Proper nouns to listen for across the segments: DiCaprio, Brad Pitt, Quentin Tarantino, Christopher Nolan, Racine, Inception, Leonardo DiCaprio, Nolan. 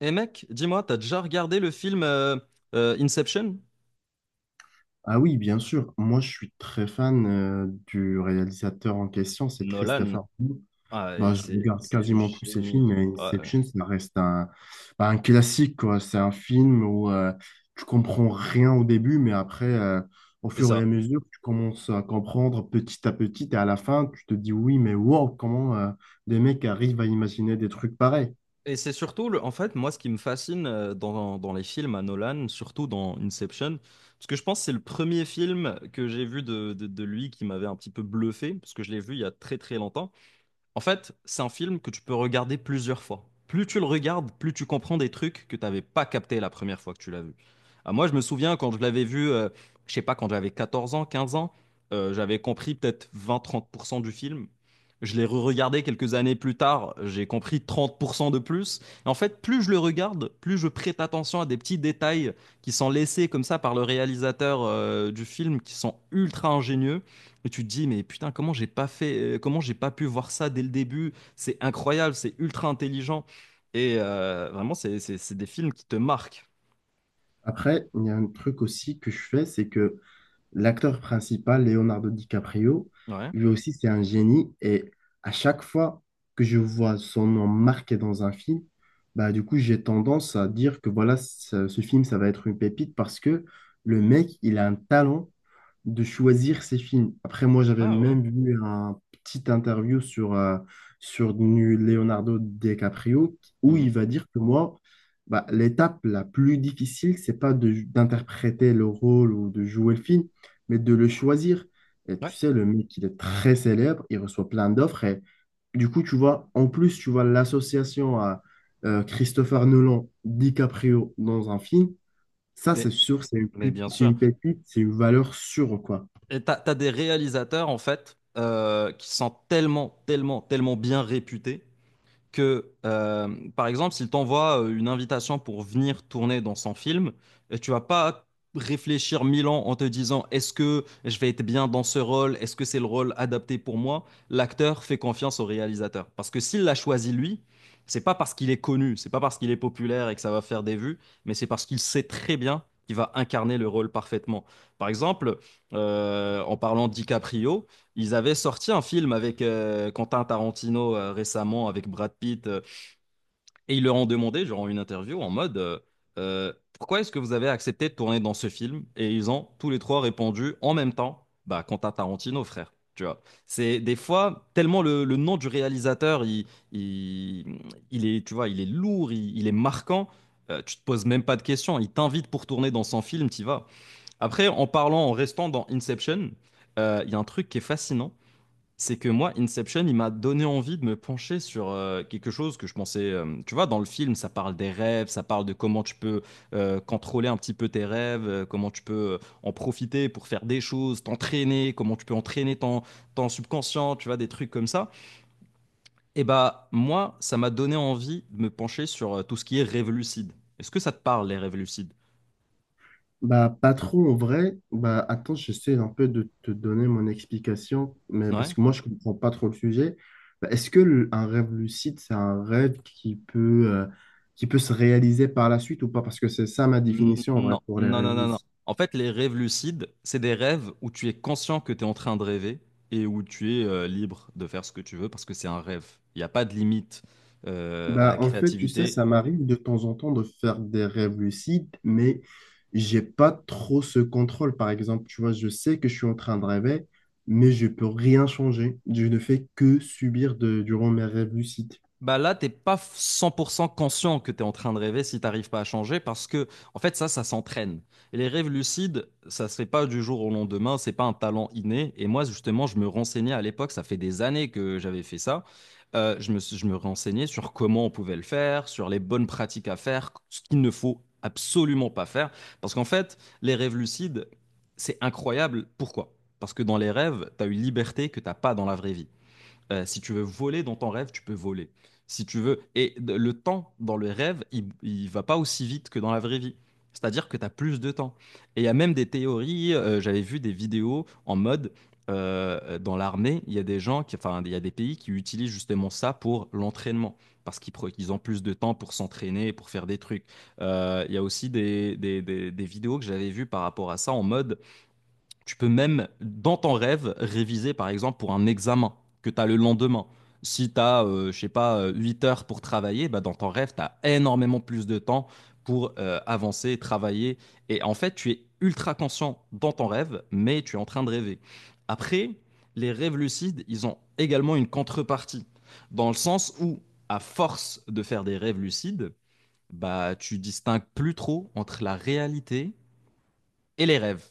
Et mec, dis-moi, t'as déjà regardé le film Inception? Ah oui, bien sûr. Moi, je suis très fan du réalisateur en question, c'est Nolan. Christopher Nolan. Ah, et Bah, je c'est regarde c'est du quasiment tous ses génie. films, mais Ouais, ouais, Inception, ça reste un, bah, un classique, quoi. C'est un film où tu comprends rien au début, mais après, au c'est fur et ça. à mesure, tu commences à comprendre petit à petit, et à la fin, tu te dis oui, mais wow, comment des mecs arrivent à imaginer des trucs pareils. Et c'est surtout, en fait, moi, ce qui me fascine dans les films à Nolan, surtout dans Inception, parce que je pense que c'est le premier film que j'ai vu de lui qui m'avait un petit peu bluffé, parce que je l'ai vu il y a très très longtemps. En fait, c'est un film que tu peux regarder plusieurs fois. Plus tu le regardes, plus tu comprends des trucs que tu n'avais pas capté la première fois que tu l'as vu. Ah, moi, je me souviens quand je l'avais vu, je sais pas, quand j'avais 14 ans, 15 ans, j'avais compris peut-être 20-30% du film. Je l'ai re-regardé quelques années plus tard, j'ai compris 30% de plus. Et en fait, plus je le regarde, plus je prête attention à des petits détails qui sont laissés comme ça par le réalisateur du film, qui sont ultra ingénieux et tu te dis, mais putain, comment j'ai pas fait, comment j'ai pas pu voir ça dès le début? C'est incroyable, c'est ultra intelligent. Et vraiment, c'est des films qui te marquent. Après, il y a un truc aussi que je fais, c'est que l'acteur principal, Leonardo DiCaprio, Ouais. lui aussi, c'est un génie. Et à chaque fois que je vois son nom marqué dans un film, bah, du coup, j'ai tendance à dire que voilà, ce film, ça va être une pépite parce que le mec, il a un talent de choisir ses films. Après, moi, j'avais Ah ouais. même vu un petit interview sur, sur Leonardo DiCaprio où il Mhm. va dire que moi, bah, l'étape la plus difficile, c'est pas de- d'interpréter le rôle ou de jouer le film, mais de le choisir. Et tu Ouais. sais, le mec, il est très célèbre, il reçoit plein d'offres et du coup, tu vois, en plus, tu vois l'association à Christopher Nolan, DiCaprio dans un film, ça, c'est Mais, sûr, c'est une, mais bien c'est sûr. une pépite, c'est une valeur sûre, quoi. Et t'as des réalisateurs, en fait, qui sont tellement, tellement, tellement bien réputés que, par exemple, s'il t'envoie une invitation pour venir tourner dans son film, tu vas pas réfléchir mille ans en te disant est-ce que je vais être bien dans ce rôle, est-ce que c'est le rôle adapté pour moi? L'acteur fait confiance au réalisateur. Parce que s'il l'a choisi lui, c'est pas parce qu'il est connu, c'est pas parce qu'il est populaire et que ça va faire des vues, mais c'est parce qu'il sait très bien qu'il va incarner le rôle parfaitement. Par exemple, en parlant de DiCaprio, ils avaient sorti un film avec Quentin Tarantino récemment, avec Brad Pitt, et ils leur ont demandé, genre en une interview, en mode pourquoi est-ce que vous avez accepté de tourner dans ce film? Et ils ont tous les trois répondu en même temps, bah, Quentin Tarantino, frère. Tu vois, c'est des fois tellement le nom du réalisateur, il, il est, tu vois, il est lourd, il est marquant. Tu te poses même pas de questions. Il t'invite pour tourner dans son film, t'y vas. Après, en parlant, en restant dans Inception, il y a un truc qui est fascinant, c'est que moi, Inception, il m'a donné envie de me pencher sur quelque chose que je pensais. Tu vois, dans le film, ça parle des rêves, ça parle de comment tu peux contrôler un petit peu tes rêves, comment tu peux en profiter pour faire des choses, t'entraîner, comment tu peux entraîner ton subconscient, tu vois, des trucs comme ça. Et bah, moi, ça m'a donné envie de me pencher sur tout ce qui est rêve lucide. Est-ce que ça te parle, les rêves lucides? Bah, pas trop en vrai. Bah, attends, j'essaie un peu de te donner mon explication, mais Ouais. parce que moi, je comprends pas trop le sujet. Bah, est-ce que un rêve lucide, c'est un rêve qui peut se réaliser par la suite ou pas? Parce que c'est ça ma définition en vrai Non, pour les non, rêves non, non, non. lucides. En fait, les rêves lucides, c'est des rêves où tu es conscient que tu es en train de rêver et où tu es libre de faire ce que tu veux parce que c'est un rêve. Il n'y a pas de limite à Bah, la en fait, tu sais, créativité. ça m'arrive de temps en temps de faire des rêves lucides, mais j'ai pas trop ce contrôle. Par exemple, tu vois, je sais que je suis en train de rêver, mais je peux rien changer. Je ne fais que subir de, durant mes rêves lucides. Bah là, t'es pas 100% conscient que t'es en train de rêver si t'arrives pas à changer parce que, en fait, ça s'entraîne. Et les rêves lucides, ça se fait pas du jour au lendemain, c'est pas un talent inné. Et moi, justement, je me renseignais à l'époque, ça fait des années que j'avais fait ça. Je me renseignais sur comment on pouvait le faire, sur les bonnes pratiques à faire, ce qu'il ne faut absolument pas faire. Parce qu'en fait, les rêves lucides, c'est incroyable. Pourquoi? Parce que dans les rêves, t'as une liberté que t'as pas dans la vraie vie. Si tu veux voler dans ton rêve, tu peux voler. Si tu veux. Et le temps dans le rêve, il va pas aussi vite que dans la vraie vie. C'est-à-dire que tu as plus de temps. Et il y a même des théories, j'avais vu des vidéos en mode dans l'armée, il y a des gens qui, enfin, il y a des pays qui utilisent justement ça pour l'entraînement. Parce qu'ils ils ont plus de temps pour s'entraîner, pour faire des trucs. Il y a aussi des vidéos que j'avais vues par rapport à ça en mode tu peux même, dans ton rêve, réviser, par exemple, pour un examen que tu as le lendemain. Si tu as, je sais pas, 8 heures pour travailler, bah, dans ton rêve, tu as énormément plus de temps pour avancer, travailler. Et en fait, tu es ultra conscient dans ton rêve, mais tu es en train de rêver. Après, les rêves lucides, ils ont également une contrepartie, dans le sens où, à force de faire des rêves lucides, bah, tu distingues plus trop entre la réalité et les rêves.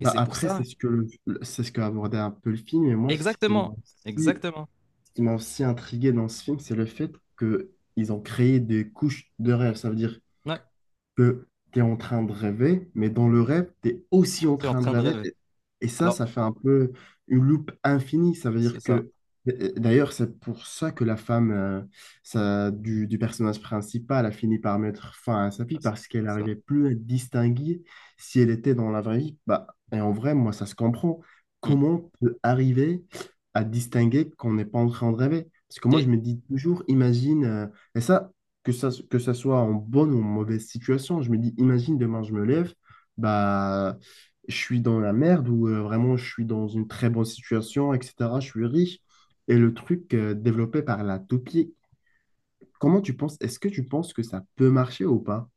Et Bah c'est pour après, ça. c'est ce que c'est ce qu'a abordé un peu le film. Et moi, ce qui Exactement, m'a aussi, exactement. ce qui m'a aussi intrigué dans ce film, c'est le fait que ils ont créé des couches de rêve. Ça veut dire Ouais, que tu es en train de rêver, mais dans le rêve, tu es aussi en je suis en train de train de rêver. rêver. Et ça, Alors, ça fait un peu une loupe infinie. Ça veut c'est dire ça. que, d'ailleurs, c'est pour ça que la femme ça, du personnage principal a fini par mettre fin à sa vie, C'est parce qu'elle ça. n'arrivait plus à distinguer si elle était dans la vraie vie. Bah, et en vrai, moi, ça se comprend. Mm. Comment on peut arriver à distinguer qu'on n'est pas en train de rêver? Parce que moi, je Et, me dis toujours, imagine, et ça, que ça soit en bonne ou en mauvaise situation. Je me dis, imagine demain, je me lève, bah, je suis dans la merde ou vraiment je suis dans une très bonne situation, etc. Je suis riche. Et le truc développé par la toupie, comment tu penses, est-ce que tu penses que ça peut marcher ou pas?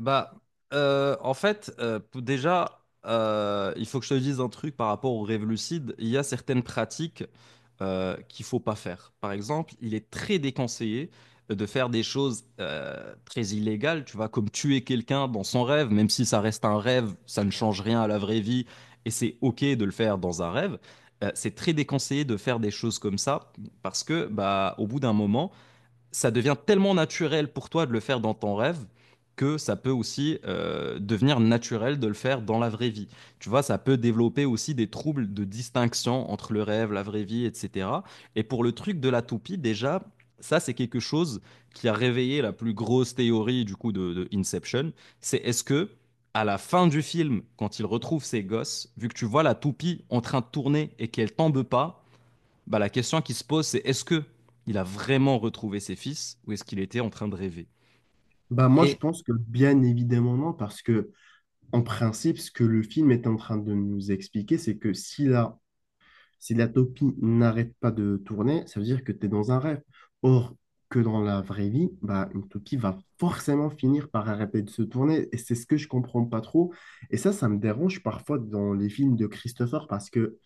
bah, en fait, déjà, il faut que je te dise un truc par rapport aux rêves lucides. Il y a certaines pratiques qu'il faut pas faire. Par exemple, il est très déconseillé de faire des choses très illégales, tu vois, comme tuer quelqu'un dans son rêve, même si ça reste un rêve, ça ne change rien à la vraie vie, et c'est OK de le faire dans un rêve. C'est très déconseillé de faire des choses comme ça, parce que, bah, au bout d'un moment, ça devient tellement naturel pour toi de le faire dans ton rêve que ça peut aussi devenir naturel de le faire dans la vraie vie. Tu vois, ça peut développer aussi des troubles de distinction entre le rêve, la vraie vie, etc. Et pour le truc de la toupie, déjà, ça, c'est quelque chose qui a réveillé la plus grosse théorie du coup de Inception. C'est est-ce que à la fin du film, quand il retrouve ses gosses, vu que tu vois la toupie en train de tourner et qu'elle tombe pas, bah, la question qui se pose, c'est est-ce que il a vraiment retrouvé ses fils ou est-ce qu'il était en train de rêver. Bah, moi, je Et. pense que bien évidemment non, parce que en principe, ce que le film est en train de nous expliquer, c'est que si là, si la toupie n'arrête pas de tourner, ça veut dire que tu es dans un rêve. Or, que dans la vraie vie, bah, une toupie va forcément finir par arrêter de se tourner. Et c'est ce que je comprends pas trop. Et ça me dérange parfois dans les films de Christopher parce que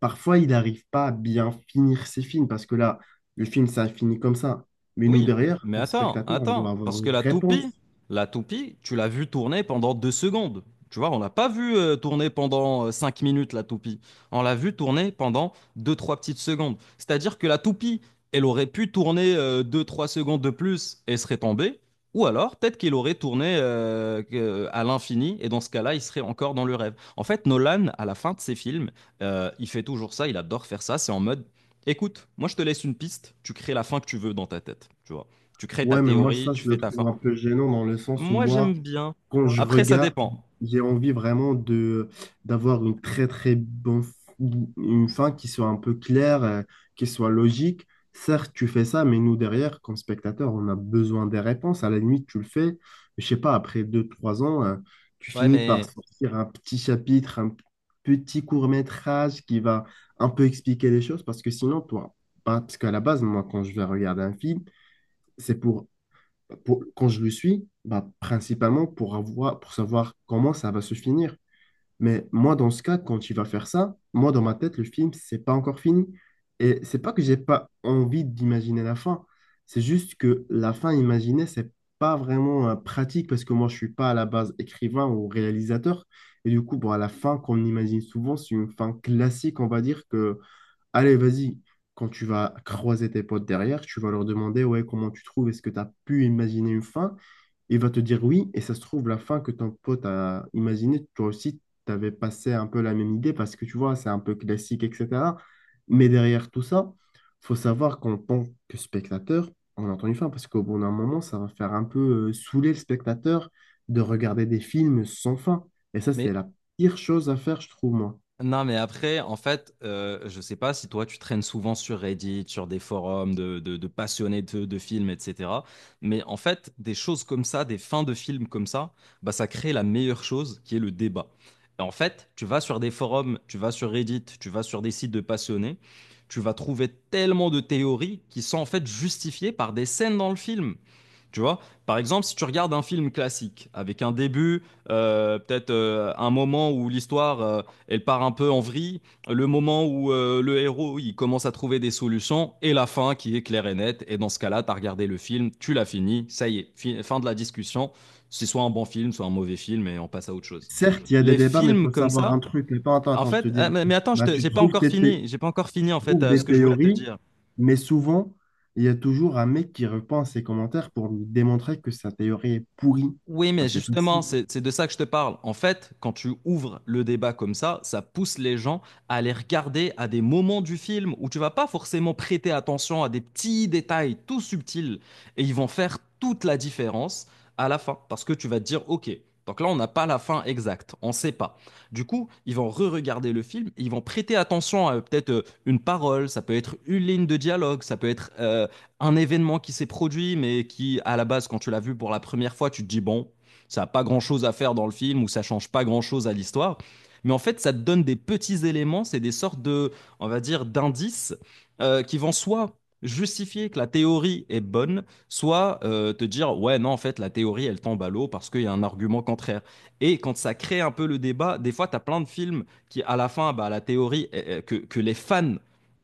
parfois, il n'arrive pas à bien finir ses films. Parce que là, le film, ça finit comme ça. Mais nous, Oui, derrière, mais comme attends, spectateurs, on attends, doit avoir parce que une réponse. la toupie, tu l'as vue tourner pendant 2 secondes. Tu vois, on l'a pas vue tourner pendant 5 minutes, la toupie. On l'a vue tourner pendant deux, trois petites secondes. C'est-à-dire que la toupie, elle aurait pu tourner deux, trois secondes de plus et serait tombée, ou alors peut-être qu'elle aurait tourné à l'infini, et dans ce cas-là, il serait encore dans le rêve. En fait, Nolan, à la fin de ses films, il fait toujours ça, il adore faire ça. C'est en mode, écoute, moi je te laisse une piste, tu crées la fin que tu veux dans ta tête, tu vois. Tu crées ta Ouais, mais moi, théorie, ça, tu je le fais ta fin. trouve un peu gênant dans le sens où Moi moi, j'aime bien. quand ouais, je Après ça regarde, dépend. j'ai envie vraiment de d'avoir une très très bonne une fin qui soit un peu claire, qui soit logique. Certes, tu fais ça, mais nous derrière, comme spectateurs, on a besoin des réponses. À la limite, tu le fais, je sais pas, après deux, trois ans, tu Ouais, finis par mais sortir un petit chapitre, un petit court-métrage qui va un peu expliquer les choses, parce que sinon, toi, parce qu'à la base, moi, quand je vais regarder un film, c'est pour quand je le suis, bah, principalement pour avoir, pour savoir comment ça va se finir. Mais moi, dans ce cas, quand il va faire ça, moi, dans ma tête, le film, c'est pas encore fini. Et c'est pas que j'ai pas envie d'imaginer la fin. C'est juste que la fin imaginée, c'est pas vraiment pratique parce que moi, je suis pas à la base écrivain ou réalisateur. Et du coup, bon, à la fin qu'on imagine souvent, c'est une fin classique, on va dire, que allez, vas-y. Quand tu vas croiser tes potes derrière, tu vas leur demander, ouais, comment tu trouves, est-ce que tu as pu imaginer une fin? Il va te dire oui, et ça se trouve, la fin que ton pote a imaginée, toi aussi, tu avais passé un peu la même idée parce que tu vois, c'est un peu classique, etc. Mais derrière tout ça, faut savoir qu'en tant que spectateur, on entend une fin parce qu'au bout d'un moment, ça va faire un peu saouler le spectateur de regarder des films sans fin. Et ça, mais c'est la pire chose à faire, je trouve, moi. Non, mais après, en fait, je sais pas si toi, tu traînes souvent sur Reddit, sur des forums de passionnés de films, etc. Mais en fait, des choses comme ça, des fins de films comme ça, bah, ça crée la meilleure chose qui est le débat. Et en fait, tu vas sur des forums, tu vas sur Reddit, tu vas sur des sites de passionnés, tu vas trouver tellement de théories qui sont en fait justifiées par des scènes dans le film. Tu vois, par exemple, si tu regardes un film classique avec un début, peut-être un moment où l'histoire elle part un peu en vrille, le moment où le héros il commence à trouver des solutions et la fin qui est claire et nette. Et dans ce cas-là, tu as regardé le film, tu l'as fini, ça y est, fin de la discussion. C'est soit un bon film, soit un mauvais film et on passe à autre chose. Certes, il y a des Les débats, mais il films faut comme savoir un ça, truc. Mais attends, en attends, je fait, te dis un ah, truc. mais attends, Bah, tu j'ai pas trouves encore tes thé- fini, j'ai pas encore tu fini en fait trouves ce des que je voulais te théories, dire. mais souvent, il y a toujours un mec qui reprend ses commentaires pour lui démontrer que sa théorie est pourrie. Oui, Bah, mais c'est justement, facile. c'est de ça que je te parle. En fait, quand tu ouvres le débat comme ça pousse les gens à aller regarder à des moments du film où tu vas pas forcément prêter attention à des petits détails tout subtils, et ils vont faire toute la différence à la fin, parce que tu vas te dire, OK, donc là, on n'a pas la fin exacte, on sait pas. Du coup, ils vont re-regarder le film, et ils vont prêter attention à peut-être une parole, ça peut être une ligne de dialogue, ça peut être un événement qui s'est produit, mais qui, à la base, quand tu l'as vu pour la première fois, tu te dis, bon, ça n'a pas grand-chose à faire dans le film, ou ça ne change pas grand-chose à l'histoire. Mais en fait, ça te donne des petits éléments, c'est des sortes de, on va dire, d'indices qui vont soit justifier que la théorie est bonne, soit te dire ouais non, en fait la théorie elle tombe à l'eau parce qu'il y a un argument contraire. Et quand ça crée un peu le débat, des fois tu as plein de films qui à la fin bah, la théorie que les fans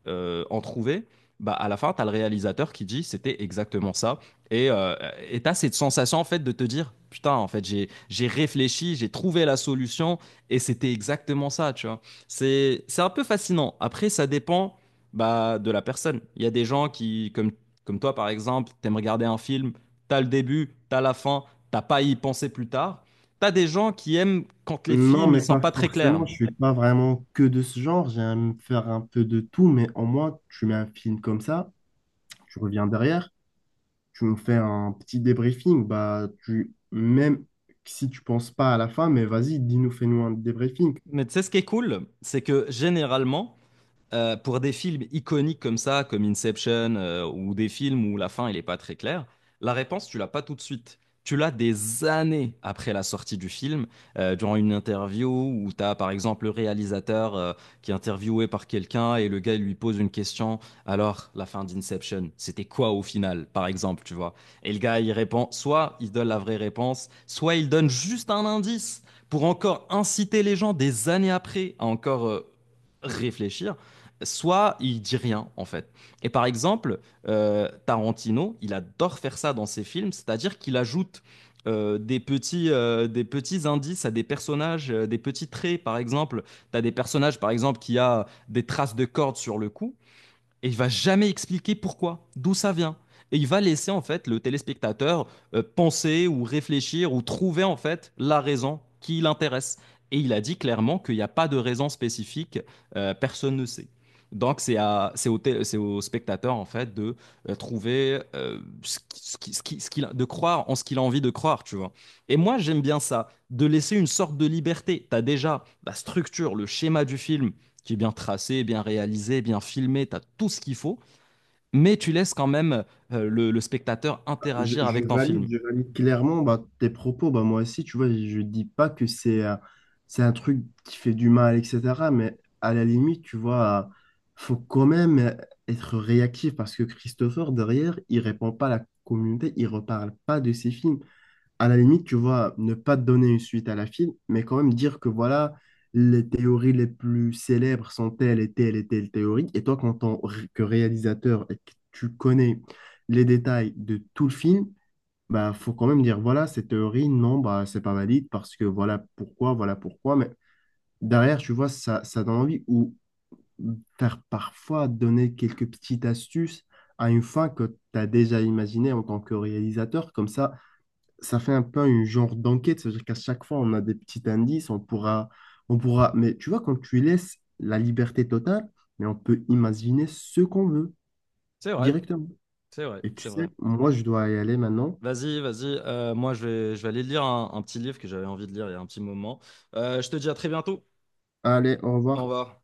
ont trouvé, bah, à la fin, tu as le réalisateur qui dit c'était exactement ça. Et euh, et tu as cette sensation en fait de te dire putain, en fait, j'ai réfléchi, j'ai trouvé la solution, et c'était exactement ça, tu vois. C'est un peu fascinant. Après, ça dépend bah, de la personne. Il y a des gens qui, comme toi par exemple, t'aimes regarder un film, t'as le début, t'as la fin, t'as pas à y penser plus tard. T'as des gens qui aiment quand les Non, films ils mais sont pas pas très clairs. forcément. Je suis pas vraiment que de ce genre. J'aime faire un peu de tout, mais au moins, tu mets un film comme ça, tu reviens derrière, tu me fais un petit débriefing. Bah, tu, même si tu penses pas à la fin, mais vas-y, dis-nous, fais-nous un débriefing. Mais tu sais ce qui est cool, c'est que généralement, pour des films iconiques comme ça, comme Inception, ou des films où la fin, elle n'est pas très claire, la réponse, tu l'as pas tout de suite. Tu l'as des années après la sortie du film, durant une interview où tu as par exemple le réalisateur qui est interviewé par quelqu'un, et le gars lui pose une question. Alors, la fin d'Inception, c'était quoi au final, par exemple, tu vois? Et le gars, il répond, soit il donne la vraie réponse, soit il donne juste un indice pour encore inciter les gens des années après à encore réfléchir, soit il dit rien en fait. Et par exemple, Tarantino, il adore faire ça dans ses films, c'est-à-dire qu'il ajoute des petits indices à des personnages, des petits traits par exemple. Tu as des personnages par exemple qui a des traces de cordes sur le cou, et il va jamais expliquer pourquoi, d'où ça vient. Et il va laisser en fait le téléspectateur penser ou réfléchir ou trouver en fait la raison qui l'intéresse. Et il a dit clairement qu'il n'y a pas de raison spécifique, personne ne sait. Donc c'est à- c'est au, té- c'est au spectateur en fait de trouver ce qui- ce qui- ce qui- ce qu'il a- de croire en ce qu'il a envie de croire, tu vois. Et moi j'aime bien ça, de laisser une sorte de liberté. T'as déjà la structure, le schéma du film qui est bien tracé, bien réalisé, bien filmé, tu as tout ce qu'il faut, mais tu laisses quand même le spectateur Je, interagir je avec ton valide, film. je valide clairement bah, tes propos. Bah, moi aussi, tu vois, je dis pas que c'est un truc qui fait du mal, etc. Mais à la limite, tu vois, faut quand même être réactif parce que Christopher, derrière, il répond pas à la communauté, il reparle pas de ses films à la limite, tu vois, ne pas donner une suite à la film, mais quand même dire que voilà, les théories les plus célèbres sont telles et telles et telles théories. Et toi, quand que réalisateur et que tu connais les détails de tout le film, bah, faut quand même dire voilà, cette théorie, non, bah, c'est pas valide parce que voilà pourquoi, voilà pourquoi. Mais derrière, tu vois, ça donne envie ou faire parfois donner quelques petites astuces à une fin que tu as déjà imaginée en tant que réalisateur. Comme ça fait un peu un genre d'enquête, c'est-à-dire qu'à chaque fois, on a des petits indices, on pourra, mais tu vois, quand tu laisses la liberté totale, mais on peut imaginer ce qu'on veut C'est vrai, directement. c'est vrai, Et tu c'est vrai. sais, moi, je dois y aller maintenant. Vas-y, vas-y. Moi, je vais aller lire un petit livre que j'avais envie de lire il y a un petit moment. Je te dis à très bientôt. Allez, au Au revoir. revoir.